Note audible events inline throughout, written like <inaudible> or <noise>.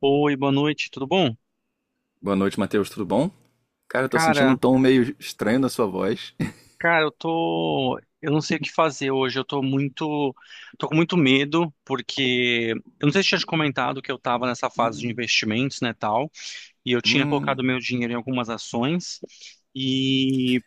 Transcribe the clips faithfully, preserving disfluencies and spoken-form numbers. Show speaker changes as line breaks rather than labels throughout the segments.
Oi, boa noite, tudo bom?
Boa noite, Matheus, tudo bom? Cara, eu tô sentindo um
Cara,
tom meio estranho na sua voz.
cara, eu tô, eu não sei o que fazer hoje. Eu tô muito, tô com muito medo porque eu não sei se eu tinha te comentado que eu tava nessa fase de
<laughs>
investimentos, né, tal. E eu tinha
Hum,
colocado meu dinheiro em algumas ações e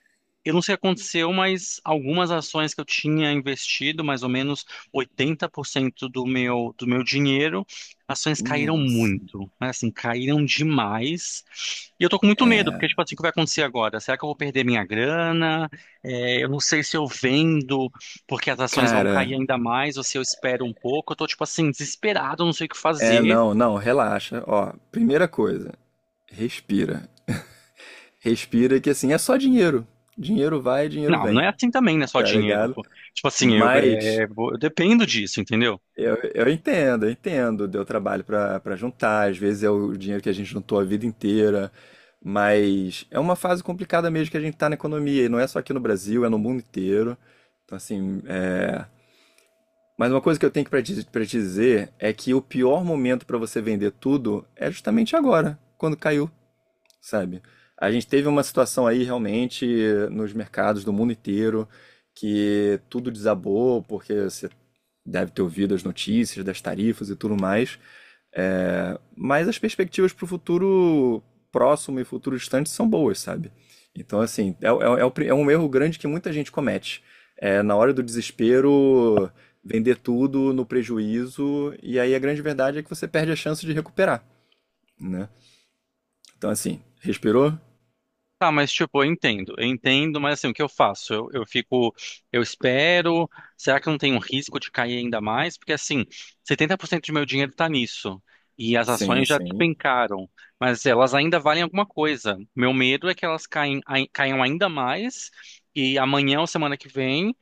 eu não sei o que aconteceu, mas algumas ações que eu tinha investido, mais ou menos oitenta por cento do meu do meu dinheiro, ações
hum,
caíram
nossa.
muito, mas assim, caíram demais. E eu tô com muito medo, porque tipo assim, o que vai acontecer agora? Será que eu vou perder minha grana? É, eu não sei se eu vendo porque as ações vão
Cara,
cair ainda mais, ou se eu espero um pouco. Eu tô tipo assim, desesperado, eu não sei o que
é,
fazer.
não, não, relaxa. Ó, primeira coisa, respira. Respira que assim, é só dinheiro. Dinheiro vai, dinheiro
Não, não
vem,
é assim também, né? Só
tá
dinheiro,
ligado?
pô. Tipo assim, eu,
Mas
é, vou- eu dependo disso, entendeu?
Eu, eu entendo, eu entendo. Deu trabalho pra para juntar, às vezes é o dinheiro que a gente juntou a vida inteira, mas é uma fase complicada mesmo que a gente tá na economia, e não é só aqui no Brasil, é no mundo inteiro. Então, assim, é... mas uma coisa que eu tenho para te, pra te dizer é que o pior momento para você vender tudo é justamente agora, quando caiu, sabe? A gente teve uma situação aí realmente nos mercados do mundo inteiro que tudo desabou, porque você deve ter ouvido as notícias das tarifas e tudo mais. É, mas as perspectivas para o futuro próximo e futuro distante são boas, sabe? Então, assim, é, é- é o pri- é um erro grande que muita gente comete. É, na hora do desespero, vender tudo no prejuízo, e aí a grande verdade é que você perde a chance de recuperar, né? Então, assim, respirou.
Tá, mas tipo, eu entendo, eu entendo, mas assim, o que eu faço? Eu, eu fico, eu espero. Será que eu não tem um risco de cair ainda mais? Porque assim, setenta por cento do meu dinheiro tá nisso. E as
Sim,
ações já
sim.
despencaram, mas elas ainda valem alguma coisa. Meu medo é que elas caem, ai- caiam ainda mais e amanhã ou semana que vem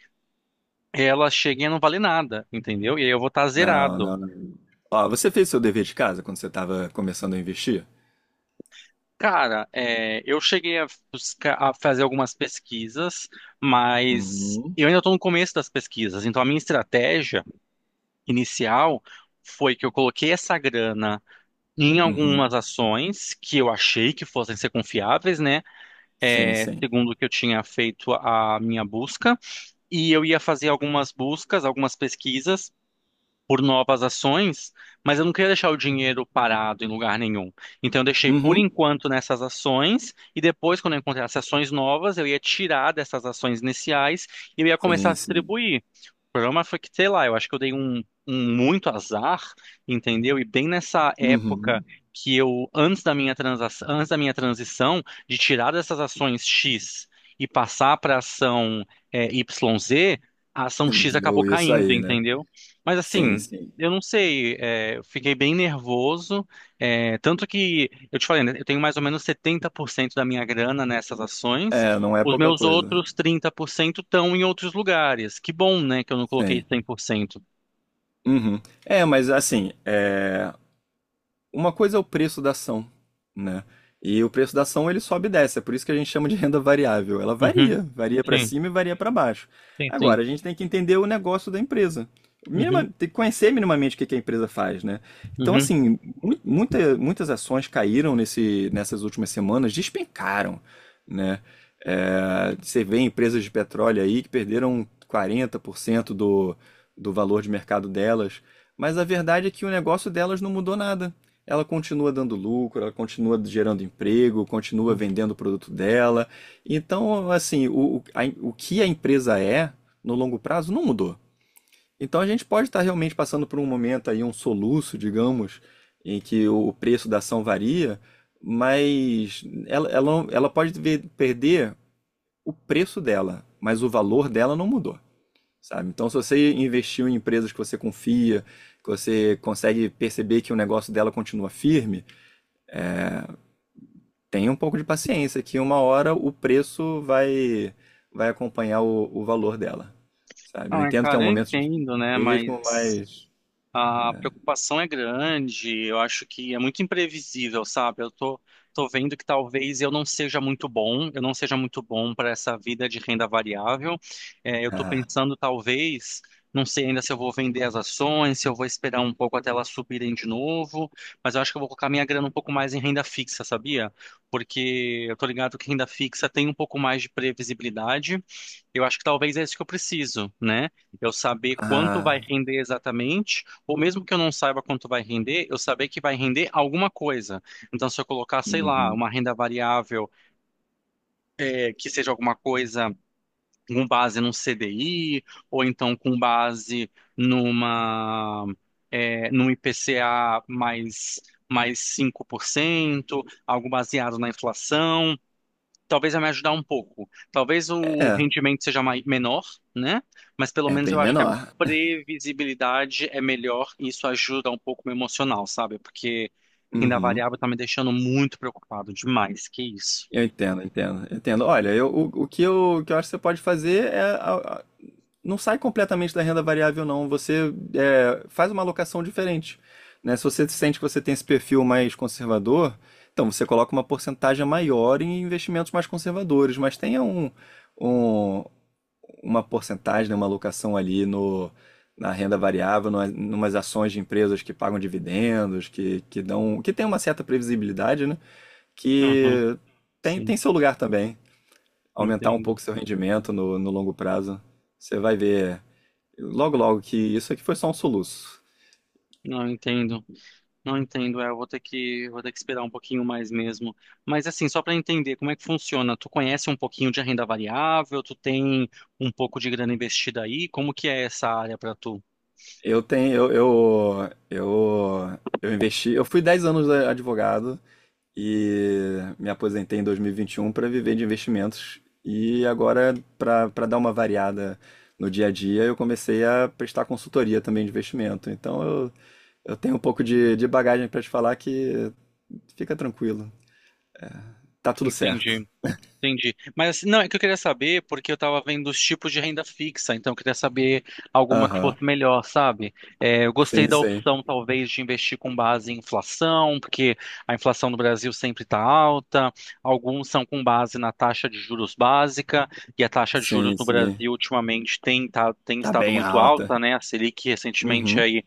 elas cheguem a não valer nada, entendeu? E aí eu vou estar
Não,
zerado.
não, não. Ó, você fez seu dever de casa quando você estava começando a investir?
Cara, é, eu cheguei a, buscar- a fazer algumas pesquisas, mas
Uhum,
eu ainda estou no começo das pesquisas. Então, a minha estratégia inicial foi que eu coloquei essa grana em
uhum.
algumas ações que eu achei que fossem ser confiáveis, né?
Sim,
É,
sim.
segundo o que eu tinha feito a minha busca, e eu ia fazer algumas buscas, algumas pesquisas por novas ações, mas eu não queria deixar o dinheiro parado em lugar nenhum. Então eu deixei por
Uhum.
enquanto nessas ações e depois, quando eu encontrasse ações novas, eu ia tirar dessas ações iniciais e eu ia começar a
Sim, sim.
distribuir. O problema foi que, sei lá, eu acho que eu dei um, um muito azar, entendeu? E bem nessa época
Uhum.
que eu, antes da minha transação, antes da minha transição, de tirar dessas ações X e passar para ação é, Y Z, a ação
<laughs>
X acabou
Deu isso
caindo,
aí, né?
entendeu? Mas
Sim,
assim,
sim.
eu não sei, é, eu fiquei bem nervoso, é, tanto que, eu te falei, né, eu tenho mais ou menos setenta por cento da minha grana nessas ações,
É, não é
os
pouca
meus
coisa.
outros trinta por cento estão em outros lugares. Que bom, né, que eu não coloquei
Sim.
cem por cento.
Uhum. É, mas assim, é... uma coisa é o preço da ação, né? E o preço da ação ele sobe e desce, é por isso que a gente chama de renda variável. Ela
Uhum,
varia, varia para
sim,
cima e varia para baixo.
sim, sim.
Agora, a gente tem que entender o negócio da empresa. Minima,
Uhum,
tem que conhecer minimamente o que que a empresa faz, né? Então,
uhum.
assim, mu- muita, muitas ações caíram nesse, nessas últimas semanas, despencaram, né? É, você vê empresas de petróleo aí que perderam quarenta por cento do, do valor de mercado delas, mas a verdade é que o negócio delas não mudou nada. Ela continua dando lucro, ela continua gerando emprego, continua vendendo o produto dela. Então, assim, o, o, a- o que a empresa é no longo prazo não mudou. Então, a gente pode estar realmente passando por um momento aí, um soluço, digamos, em que o preço da ação varia, mas ela, ela, ela pode ver- perder o preço dela, mas o valor dela não mudou, sabe? Então, se você investiu em empresas que você confia, que você consegue perceber que o negócio dela continua firme, tenha um pouco de paciência, que uma hora o preço vai, vai acompanhar o, o valor dela, sabe? Eu
Não, é,
entendo que é
cara,
um
eu
momento difícil
entendo, né,
mesmo,
mas
mas.
A preocupação é grande, eu acho que é muito imprevisível, sabe? Eu tô, tô vendo que talvez eu não seja muito bom, eu não seja muito bom para essa vida de renda variável. É, eu tô
Ah,
pensando, talvez, não sei ainda se eu vou vender as ações, se eu vou esperar um pouco até elas subirem de novo, mas eu acho que eu vou colocar minha grana um pouco mais em renda fixa, sabia? Porque eu tô ligado que renda fixa tem um pouco mais de previsibilidade. Eu acho que talvez é isso que eu preciso, né? Eu saber quanto vai
ah,
render exatamente ou mesmo que eu não saiba quanto vai render, eu saber que vai render alguma coisa. Então, se eu colocar, sei lá,
uhum.
uma renda variável, eh, que seja alguma coisa com base num C D I, ou então com base numa, eh, num I P C A mais, mais cinco por cento, algo baseado na inflação talvez vai me ajudar um pouco. Talvez o
É,
rendimento seja mai- menor, né? Mas pelo
é
menos
bem
eu acho que a
menor.
previsibilidade é melhor e isso ajuda um pouco o meu emocional, sabe? Porque renda
Uhum.
variável tá me deixando muito preocupado demais. Que isso?
Eu entendo, entendo, entendo. Olha, eu, o, o que eu, o que eu acho que você pode fazer é. A- a- não sai completamente da renda variável, não. Você é, faz uma alocação diferente. Né? Se você sente que você tem esse perfil mais conservador, então você coloca uma porcentagem maior em investimentos mais conservadores, mas tenha um, um- uma porcentagem, né, uma alocação ali no, na renda variável, numa- numas ações de empresas que pagam dividendos, que, que dão, que tem uma certa previsibilidade, né?
Uhum,
Que tem, tem
sim,
seu lugar também. Aumentar um
entendo.
pouco seu rendimento no, no longo prazo. Você vai ver logo logo que isso aqui foi só um soluço.
Não entendo. Não entendo. É, eu vou ter que, vou ter que esperar um pouquinho mais mesmo. Mas assim, só para entender como é que funciona, tu conhece um pouquinho de renda variável, tu tem um pouco de grana investida aí, como que é essa área para tu?
Eu tenho, eu, eu, eu, eu investi, eu fui dez anos a- advogado e me aposentei em dois mil e e vinte e um para viver de investimentos. E agora, para para dar uma variada no dia a dia, eu comecei a prestar consultoria também de investimento. Então, eu, eu tenho um pouco de, de bagagem para te falar que fica tranquilo. Tá tudo certo.
Entendi. Entendi. Mas assim, não, é que eu queria saber, porque eu tava vendo os tipos de renda fixa, então eu queria saber alguma que
Aham.
fosse melhor, sabe? É, eu gostei
Sim,
da
sim.
opção, talvez, de investir com base em inflação, porque a inflação no Brasil sempre está alta, alguns são com base na taxa de juros básica, e a taxa de juros
Sim,
no
sim.
Brasil ultimamente tem, tá- tem
Tá
estado
bem
muito
alta.
alta, né? A Selic recentemente
Uhum.
aí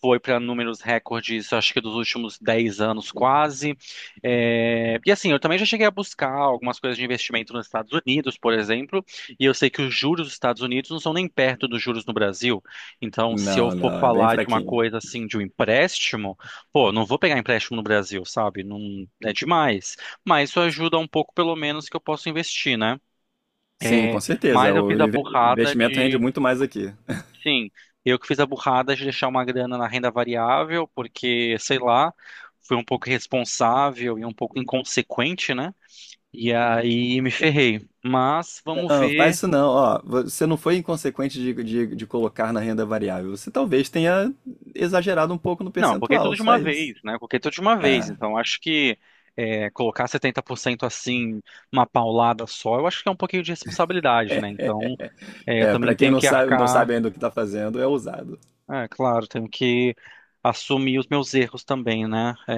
foi para números recordes, acho que dos últimos dez anos quase. É, e assim, eu também já cheguei a buscar algumas coisas de investimento nos Estados Unidos, por exemplo, e eu sei que os juros dos Estados Unidos não são nem perto dos juros no Brasil. Então, se eu
Não,
for
não, é bem
falar de uma
fraquinho.
coisa assim, de um empréstimo, pô, não vou pegar empréstimo no Brasil, sabe? Não é demais. Mas isso ajuda um pouco, pelo menos, que eu posso investir, né?
Sim,
É,
com
mas
certeza.
eu
O
fiz a
inve-
burrada
investimento rende
de
muito mais aqui.
Sim, eu que fiz a burrada de deixar uma grana na renda variável, porque, sei lá, fui um pouco irresponsável e um pouco inconsequente, né? E aí me ferrei. Mas vamos
Não, faz
ver.
isso não. Ó, você não foi inconsequente de, de, de colocar na renda variável. Você talvez tenha exagerado um pouco no
Não, eu coloquei
percentual,
tudo de
só
uma
isso.
vez, né? Eu coloquei tudo de uma vez. Então, acho que é, colocar setenta por cento assim, uma paulada só, eu acho que é um pouquinho de responsabilidade, né? Então, é, eu
É, é para
também
quem
tenho
não
que
sabe, não
arcar.
sabe ainda o que está fazendo, é ousado.
É, claro, tenho que assumir os meus erros também, né? É,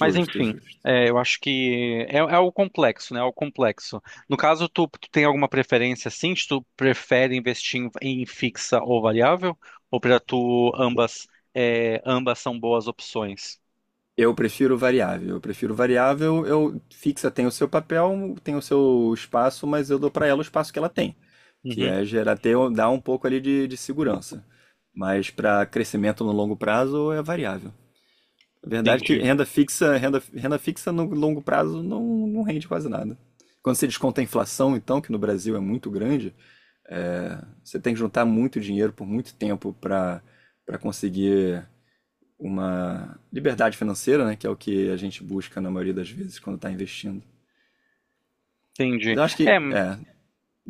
Mas enfim,
justo.
é, eu acho que é, é o complexo, né? É o complexo. No caso, tu, tu tem alguma preferência assim? Se Tu prefere investir em, em fixa ou variável? Ou para tu ambas, é, ambas são boas opções?
Eu prefiro variável. Eu prefiro variável. Eu fixa tem o seu papel, tem o seu espaço, mas eu dou para ela o espaço que ela tem, que
Uhum,
é gerar ter, um, dar um pouco ali de, de segurança. Mas para crescimento no longo prazo é variável. A verdade é que
entendi,
renda fixa, renda, renda fixa no longo prazo não, não rende quase nada. Quando você desconta a inflação, então, que no Brasil é muito grande, é, você tem que juntar muito dinheiro por muito tempo para para conseguir uma liberdade financeira, né? Que é o que a gente busca na maioria das vezes quando está investindo.
entendi.
Eu acho
É,
que é,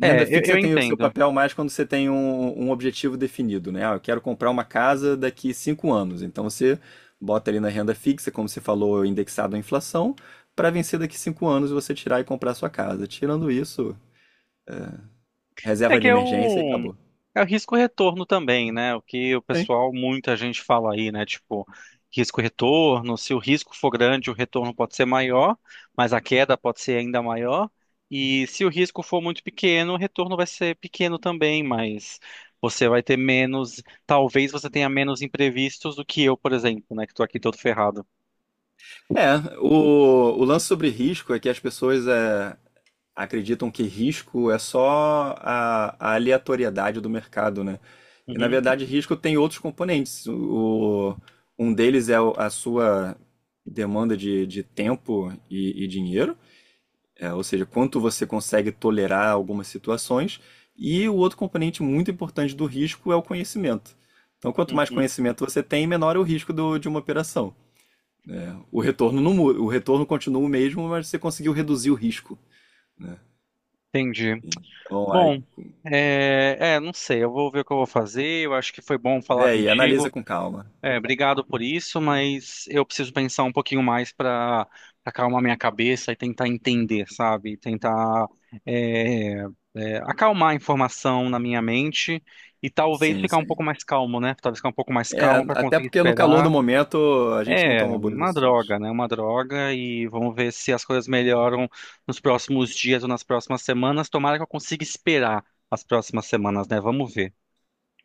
é, eu,
fixa
eu
tem o seu
entendo.
papel mais quando você tem um, um objetivo definido, né? Ah, eu quero comprar uma casa daqui cinco anos. Então você bota ali na renda fixa, como você falou, indexado à inflação, para vencer daqui cinco anos você tirar e comprar a sua casa. Tirando isso,
É
reserva
que
de
é
emergência e
o,
acabou.
é o risco-retorno também, né? O que o
Sim.
pessoal, muita gente fala aí, né? Tipo, risco-retorno, se o risco for grande, o retorno pode ser maior, mas a queda pode ser ainda maior. E se o risco for muito pequeno, o retorno vai ser pequeno também, mas você vai ter menos, talvez você tenha menos imprevistos do que eu, por exemplo, né? Que tô aqui todo ferrado.
É, o, o lance sobre risco é que as pessoas é, acreditam que risco é só a, a aleatoriedade do mercado, né? E na
Uhum,
verdade, risco tem outros componentes. O, um deles é o- a sua demanda de, de tempo e, e dinheiro, é, ou seja, quanto você consegue tolerar algumas situações. E o outro componente muito importante do risco é o conhecimento. Então, quanto mais
uhum.
conhecimento você tem, menor é o risco do- de uma operação. O retorno, não mu- o retorno continua o mesmo, mas você conseguiu reduzir o risco, né?
Entendi.
Então, a,
Bom, é, é, não sei, eu vou ver o que eu vou fazer. Eu acho que foi bom
vê
falar
aí, analisa
contigo.
com calma.
É, obrigado por isso, mas eu preciso pensar um pouquinho mais para acalmar minha cabeça e tentar entender, sabe? Tentar é, é, acalmar a informação na minha mente e talvez
Sim,
ficar um pouco
sim.
mais calmo, né? Talvez ficar um pouco mais
É,
calmo para
até
conseguir
porque no calor
esperar.
do momento a gente não
É,
toma boas
uma droga,
decisões.
né? Uma droga e vamos ver se as coisas melhoram nos próximos dias ou nas próximas semanas. Tomara que eu consiga esperar as próximas semanas, né? Vamos ver.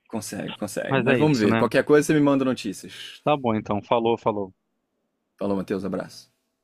Consegue, consegue.
Mas é
Mas vamos
isso,
ver.
né?
Qualquer coisa você me manda notícias.
Tá bom, então. Falou, falou.
Falou, Matheus, abraço.